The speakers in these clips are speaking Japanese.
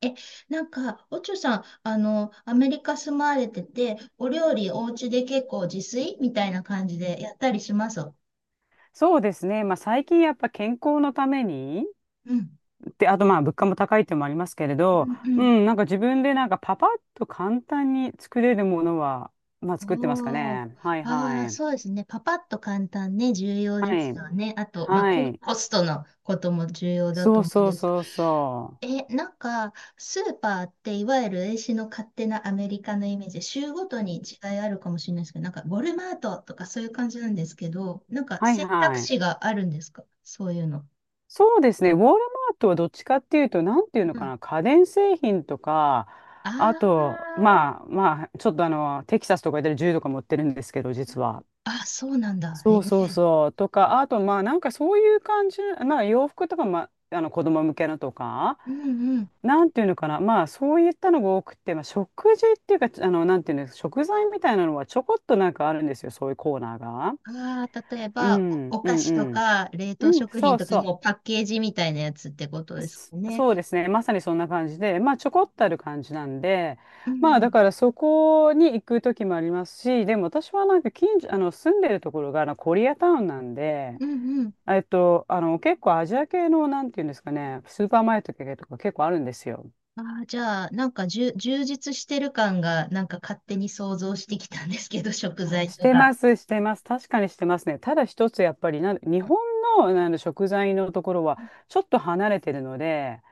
え、なんか、おちょさん、アメリカ住まわれてて、お料理お家で結構自炊みたいな感じでやったりします？うん。そうですね。まあ、最近やっぱ健康のために、うんてあとまあ物価も高いってのもありますけれど、うん、なんか自分でなんかパパッと簡単に作れるものは、まあう作ってますかん。おー。ね。はいああ、はそうい。ですね。パパッと簡単ね、重要はですい。よね。あと、まあ、はい。コストのことも重要だそとう思うんそうですけそうそなんか、スーパーっていわゆる英史の勝手なアメリカのイメージ、州ごとに違いあるかもしれないですけど、なんか、ウォルマートとかそういう感じなんですけど、なんかう。はい選択はい。肢があるんですか？そういうの。そうですね。ウォールマートはどっちかっていうと、なんていうのうん。かあな、家電製品とか、あ、あと、まあまあ、ちょっとテキサスとかで銃とか持ってるんですけど、実は。あ、そうなんだ。へそうそうえ。そう。とか、あと、まあ、なんかそういう感じ、まあ、洋服とか、まあ、子供向けのとか、うんうん。なんていうのかな、まあ、そういったのが多くて、まあ、食事っていうか、なんていうんですか、食材みたいなのはちょこっとなんかあるんですよ、そういうコーナーが。ああ、例えうば、ん、うおん、おう菓子とん。か、冷凍うん、食そ品うとか、そもうパッケージみたいなやつってことう。ですそかね。そうですね。まさにそんな感じで、まあ、ちょこっとある感じなんで、うまあ、だんからそこに行く時もありますし、でも私はなんか近所、住んでるところが、コリアタウンなんで、うん。うん。結構アジア系の、なんていうんですかね、スーパーマーケット系とか結構あるんですよ。ああ、じゃあ、なんか、充実してる感が、なんか勝手に想像してきたんですけど、食材しとてか。ます、してます。確かにしてますね。ただ一つ、やっぱり日う本の、なんだ食材のところは、ん。ちょっと離れてるので、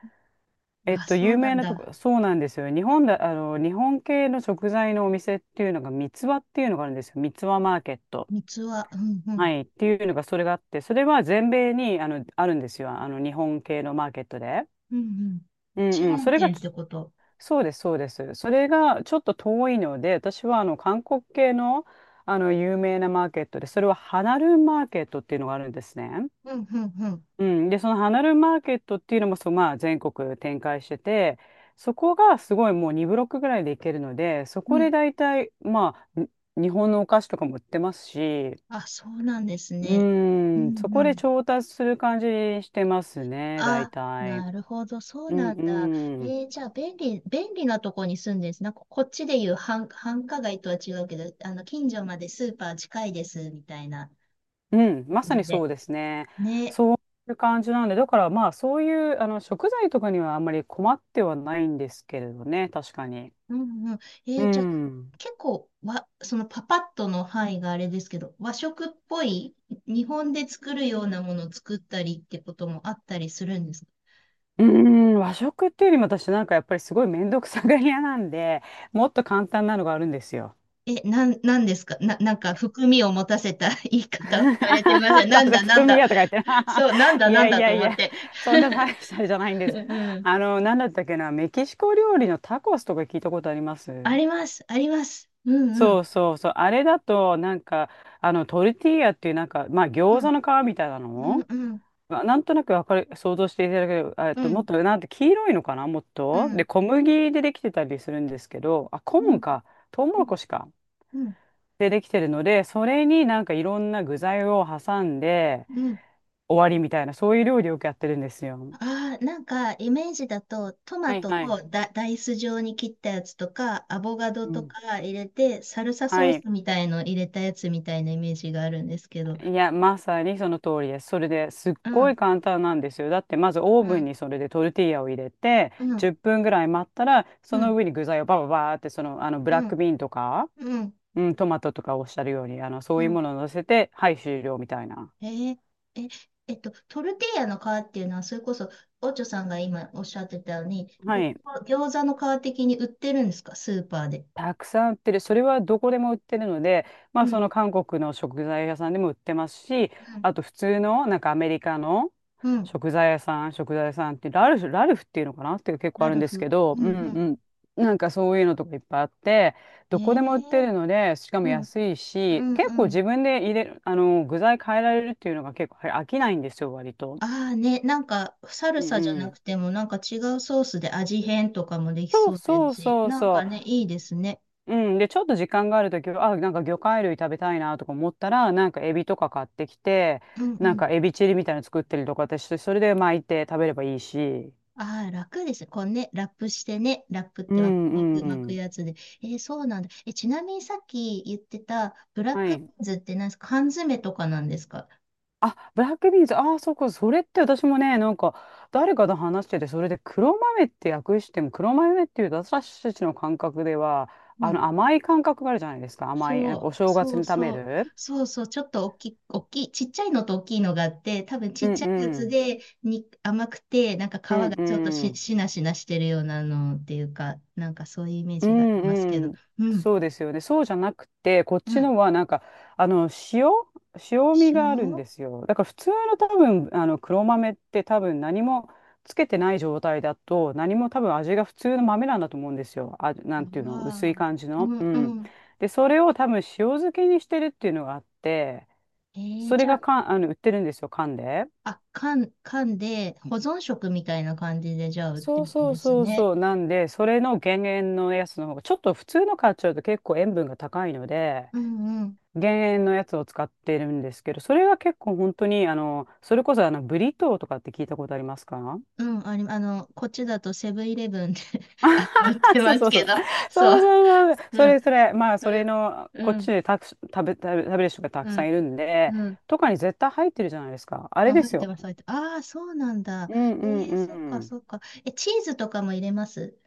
あ、そう有な名んなとだ。こ、そうなんですよ。日本系の食材のお店っていうのが、三つ葉っていうのがあるんですよ。三つ葉マーケット。三つは、うんうはん。い。っていうのが、それがあって、それは全米に、あるんですよ。日本系のマーケットで。うんうん。うチェーんうん、そンれが店ってこと？そうです、そうです。それがちょっと遠いので、私は韓国系の、有名なマーケットで、それはハナルンマーケットっていうのがあるんですね。うんうんうん、うん、で、そのハナルンマーケットっていうのもそう、まあ、全国展開してて、そこがすごいもう2ブロックぐらいで行けるので、そうこでん。大体、まあ、に日本のお菓子とかも売ってますし、あ、そうなんですうね。うん、そんうこでん。調達する感じにしてますね、大あ、体。なるほど、そううんなんだ。うん。じゃあ、便利なとこに住んでるんです。なんか、こっちでいう、繁華街とは違うけど、近所までスーパー近いです、みたいなうん、ま感さにじそうで。ですね。ね。そういう感じなんで、だからまあそういう食材とかにはあんまり困ってはないんですけれどね、確かに。うんうん。うじゃあ、ん。結構わ、そのパパッとの範囲があれですけど、和食っぽい、日本で作るようなものを作ったりってこともあったりするんですか？うーん、和食っていうよりも私なんかやっぱりすごい面倒くさがり屋なんで、もっと簡単なのがあるんですよ。なんですかな、なんえ か含みを持たせた 言い 方をされてません？なん私はだなん含みだ。やとか言ってな。そう、なん だいなやんいだやとい思っや、て。そんな大したあれじゃないん でうすけど。ん。なんだったっけな、メキシコ料理のタコスとか聞いたことあります？あります、あります。うんうそん。うそうそう。あれだと、なんか、トルティーヤっていう、なんか、まあ、う餃子ん、の皮みたいなうん、のうん、なんとなくわかる、想像していただける、うもっん、と、なんて、黄色いのかなもっうと。で、ん、小麦でできてたりするんですけど、あ、コうーンん、か。トウモうロん、コシか。うん、でできてるので、それになんかいろんな具材を挟んでうん、終わりみたいな、そういう料理をよくやってるんですよ。ああ、なんかイメージだとトマはいトはい。を、ダイス状に切ったやつとかアボカドうとん。か入れて、サルサはソーい。スみたいの入れたやつみたいなイメージがあるんですけど。いや、まさにその通りです。それですっうごん、い簡単なんですよ。だってまずオーうブンん、にそれでトルティーヤを入れてうん、10分ぐらい待ったらそうのん、上に具材をバババーってその、ブラうックん、ビーンとか、うん。うん、トマトとかおっしゃるようにそうういうん。ものを乗せてはい終了みたいな。えーえ、トルティーヤの皮っていうのは、それこそオチョさんが今おっしゃってたように、はい。餃子の皮的に売ってるんですか？スーパーで。たくさん売ってる。それはどこでも売ってるので、まうあそん、の韓国の食材屋さんでも売ってますし、うん、あと普通のなんかアメリカのうん。食材屋さんってラルフ、っていうのかなっていう結構あラるんルですけフ。ど、うん、うんうん。うん。なんかそういうのとかいっぱいあって、えどこでも売ってー、るので、しかもうん、安いうし、ん、結う構ん。自分で入れる、具材変えられるっていうのが結構飽きないんですよ、割と。ああね、なんか、サルうんサじゃうなくん。ても、なんか違うソースで味変とかもできそそううでそすうし、そうなんかそね、う。いいですね。うん、で、ちょっと時間があるときは、あ、なんか魚介類食べたいなとか思ったら、なんかエビとか買ってきて、うんうなんん。かエビチリみたいなの作ったりとか私して、それで巻いて食べればいいし。ああ、楽ですね。こうね、ラップしてね、ラップっうて、まんう巻んく、う巻くん。やつで。そうなんだ。ちなみにさっき言ってた、ブラッはクビい。ーンズって何ですか？缶詰とかなんですか？あ、ブラックビーンズ、ああ、そうか、それって私もね、なんか、誰かと話してて、それで黒豆って訳しても、黒豆っていうと私たちの感覚では、うん。甘い感覚があるじゃないですか、甘い、なんかおそう、正月そにう食べそう、る。そうそう、ちょっと、大きい、ちっちゃいのと大きいのがあって、多分ちうっんちゃいやうつん。でに甘くて、なんか皮うんがちょっと、うん。しなしなしてるようなのっていうか、なんかそういうイメーうジがありますけんうど。ん、うん、そうですよね。そうじゃなくて、こっうちん。のはなんか、あの、塩、塩味塩があるんわですよ。だから普通の多分、黒豆って多分何もつけてない状態だと、何も多分味が普通の豆なんだと思うんですよ。あ、なんていうの、薄あ、い感じうの。うん、うん。ん。で、それを多分塩漬けにしてるっていうのがあって、えそれじゃあ、がか、売ってるんですよ、缶で。あ、缶で保存食みたいな感じで、じゃあ売ってそうるんそでうすそうね。そう。なんで、それの減塩のやつの方が、ちょっと普通の買っちゃうと結構塩分が高いので、うん、うん。減塩のやつを使ってるんですけど、それが結構本当に、あの、それこそあの、ブリトーとかって聞いたことありますか？うん、こっちだとセブンイレブンで 売っあてまそうすそうそけう。ど。そそう。うそうそう。うそん、れそれ、まあ、そうれん、の、こうっちん、でたく、食べ、食べ、食べる人がたうくさん、んいるんで、うん。とかに絶対入ってるじゃないですか。あうれん、で入すってよ。ます、入ってああ、そうなんだ。うんうんそっうか、ん。そっか。チーズとかも入れます？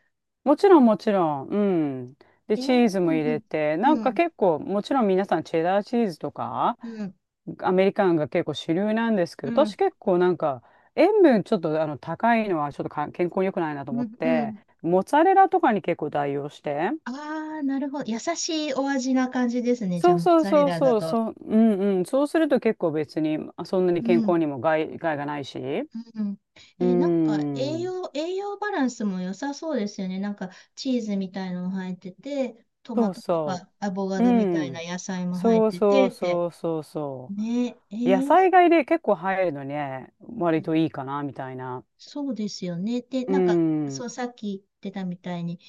もちろんもちろん。うん。で、ええ。チーズも入うれん、て、なんうかん、結構、もちろん皆さんチェダーチーズとか、うん、アメリカンが結構主流なんですけうど、私ん、結構なんか塩分ちょっと高いのはちょっとか健康に良くないなと思うっん。うて、ん。モッツァレラとかに結構代用して、ああ、なるほど。優しいお味な感じですね。じゃあ、そうモッそうツァレそうラだそう、と。そう、うんうん、そうすると結構別にまあそんなにう健ん、康にも害がないし、うん。うなんか、栄ん、養、栄養バランスも良さそうですよね。なんか、チーズみたいのも入ってて、トマそうトとそかアボカう、うドみたいなん、野菜も入っそうてて、そうって。そうそうそねえ、う、野菜買いで結構入るのね、う割ん。といいかなみたいな、そうですよね。で、うなんか、ん、そう、さっき言ってたみたいに、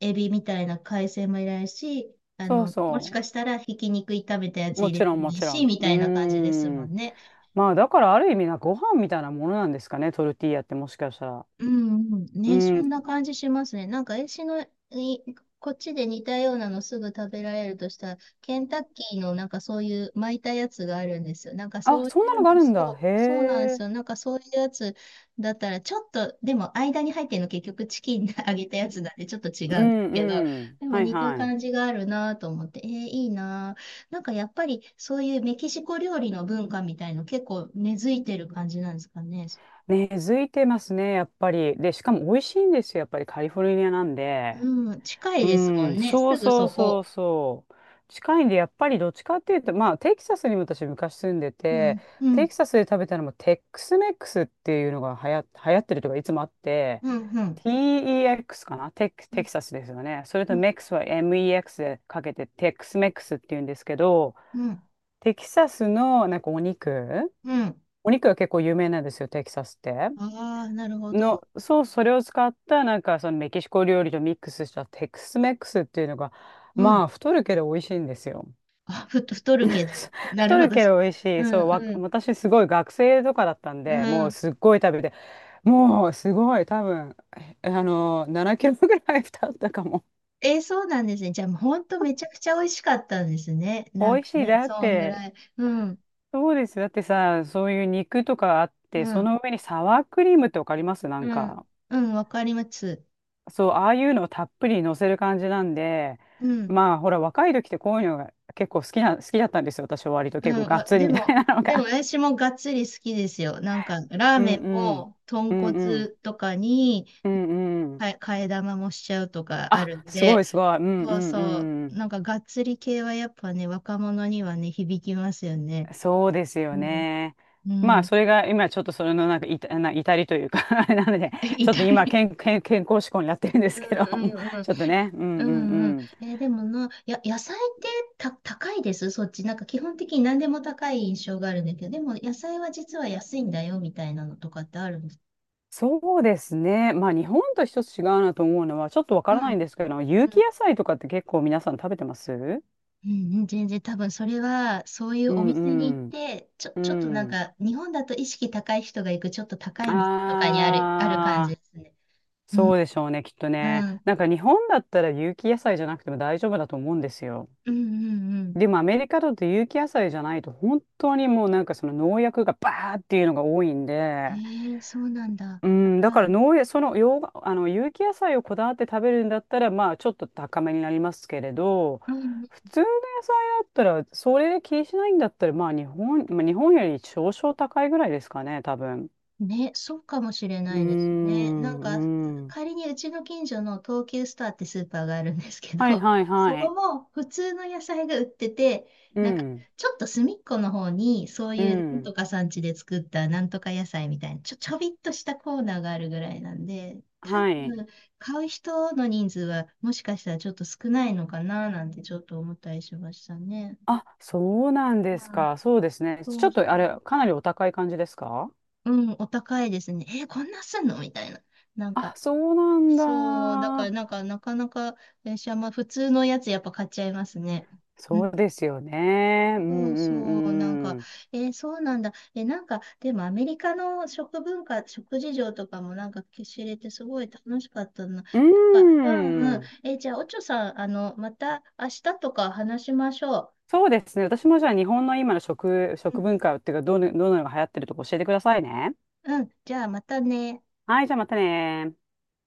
エビみたいな海鮮もいらないし、そうもしそかう。したらひき肉炒めたやつも入れちろてん、ももいいちろし、ん。みうーたいな感じですもんん。ね。まあ、だからある意味な、ご飯みたいなものなんですかね、トルティーヤってもしかしたら。うんうん、うね、そんん。な感じしますね。なんか、えしの、いこっちで似たようなのすぐ食べられるとしたら、ケンタッキーのなんかそういう巻いたやつがあるんですよ。なんかあ、そうそいんなのがあう、るんだ。そへう、そうなんですえ。よ。なんかそういうやつだったら、ちょっと、でも間に入ってるの結局チキンで揚げたやつなんでちょっと違ううんですけど、んうん。でもはい似たはい。感じがあるなと思って、いいなぁ。なんかやっぱりそういうメキシコ料理の文化みたいの結構根付いてる感じなんですかね。根付いてますね、やっぱり。で、しかも美味しいんですよ、やっぱりカリフォルニアなんで。うん、近いうですもん、んね。そすうぐそうそそうこ。そう。近いんで、やっぱりどっちかっていうと、まあ、テキサスにも私昔住んでうて、ん、うテん、キサスで食べたのもテックスメックスっていうのが流行ってるとかいつもあって、うん、うん、TEX かなテクうテん、キサスですよね。それとうん、メックスは MEX でかけてテックスメックスっていうんですけど、うん。テキサスのなんかお肉、うん。お肉が結構有名なんですよ、テキサスって。ああー、なるほど。そう、それを使った、なんか、そのメキシコ料理とミックスしたテックスメックスっていうのが、うまん。あ、太るけど美味しいんですよ。あ、太るけ ど。なる太ほるど。けど美味しうい。ん、そう、うん、私すごい学生とかだったんうで、もうん。すっごい食べて、もうすごい、多分、えあの、7キロぐらい太ったかも。そうなんですね。じゃあ、もうほんとめちゃくちゃ美味しかったんですね。なん美味かしい。ね、だっそんぐて、らい。うん、そうです。だってさ、そういう肉とかあって、うそん、の上にサワークリームってわかりますなんうん、か。うん、わかります。そう、ああいうのをたっぷり乗せる感じなんで、うん、まあ、ほら、若い時ってこういうのが結構好きな、好きだったんですよ。私は割とうん、結構がっつりでみたいも、なのでもが。私もがっつり好きですよ。なんか、ラ ーうんメンうん。も、豚うんうん。骨とかに、うんうん。替え玉もしちゃうとかああ、るんすごで。いすごい。うんうそうそんうう、ん。なんかがっつり系はやっぱね、若者にはね、響きますよね。そうですようん、ね。うまあ、ん。それが今ちょっとそれのなんかいた、な、至りというか、 あれなので、ちょっと痛今い。健康志向になってるんでうすんけど、もう うんう ん。ちょっとね。ううんうんんうん。うん。でもな、野菜って、高いですそっち。なんか基本的に何でも高い印象があるんだけど、でも野菜は実は安いんだよみたいなのとかってあるんですそうですね。まあ日本と一つ違うなと思うのはちょっとわかうらないんん。ですけど、有機野菜とかって結構皆さん食べてます？うんうん、全然多分それは、そういううお店に行っんうん。て、うちょっとなんん。か、日本だと意識高い人が行く、ちょっと高い店とかに、ある感じああ、ですね。うん、そうでしょうね、きっとうね。ん、うん、なんか日本だったら有機野菜じゃなくても大丈夫だと思うんですよ。うん、うん。でもアメリカだと有機野菜じゃないと本当にもうなんかその農薬がバーっていうのが多いんで、ええ、そうなんだ。うあん、だからら、農園、その洋が、あの有機野菜をこだわって食べるんだったら、まあちょっと高めになりますけれど、うん、うん、普通の野菜だったら、それで気にしないんだったら、まあ、日本より少々高いぐらいですかね、多分。ね、そうかもしれうーないですね。なんか、ん、うん。仮にうちの近所の東急スターってスーパーがあるんですけど、はい はいそはこい。も普通の野菜が売ってて、うなんか、ん、ちょっと隅っこの方に、そうういうなんとん。か産地で作ったなんとか野菜みたいな、ちょびっとしたコーナーがあるぐらいなんで、多はい。分、買う人の人数はもしかしたらちょっと少ないのかななんてちょっと思ったりしましたね。あ、そうなんうですん、か。そうですね。ちそょうっそとあれ、かなりお高い感じですか？う。うん、お高いですね。こんなすんのみたいな。なんあ、か、そうなんそう、だからなんだ。か、なかなか、電車、まあ普通のやつやっぱ買っちゃいますね。うん。そうですよね。うんうそうそう、なんか、んうん。そうなんだ。なんか、でもアメリカの食文化、食事情とかもなんか知れてすごい楽しかったな。なんうか、うんうーん。ん。じゃあ、おちょさん、また明日とか話しましょそうですね。私もじゃあ日本の今のう。う食ん、文化っていうか、どのようなのが流行ってるとか教えてくださいね。うん、じゃあまたね。はい、じゃあまたね。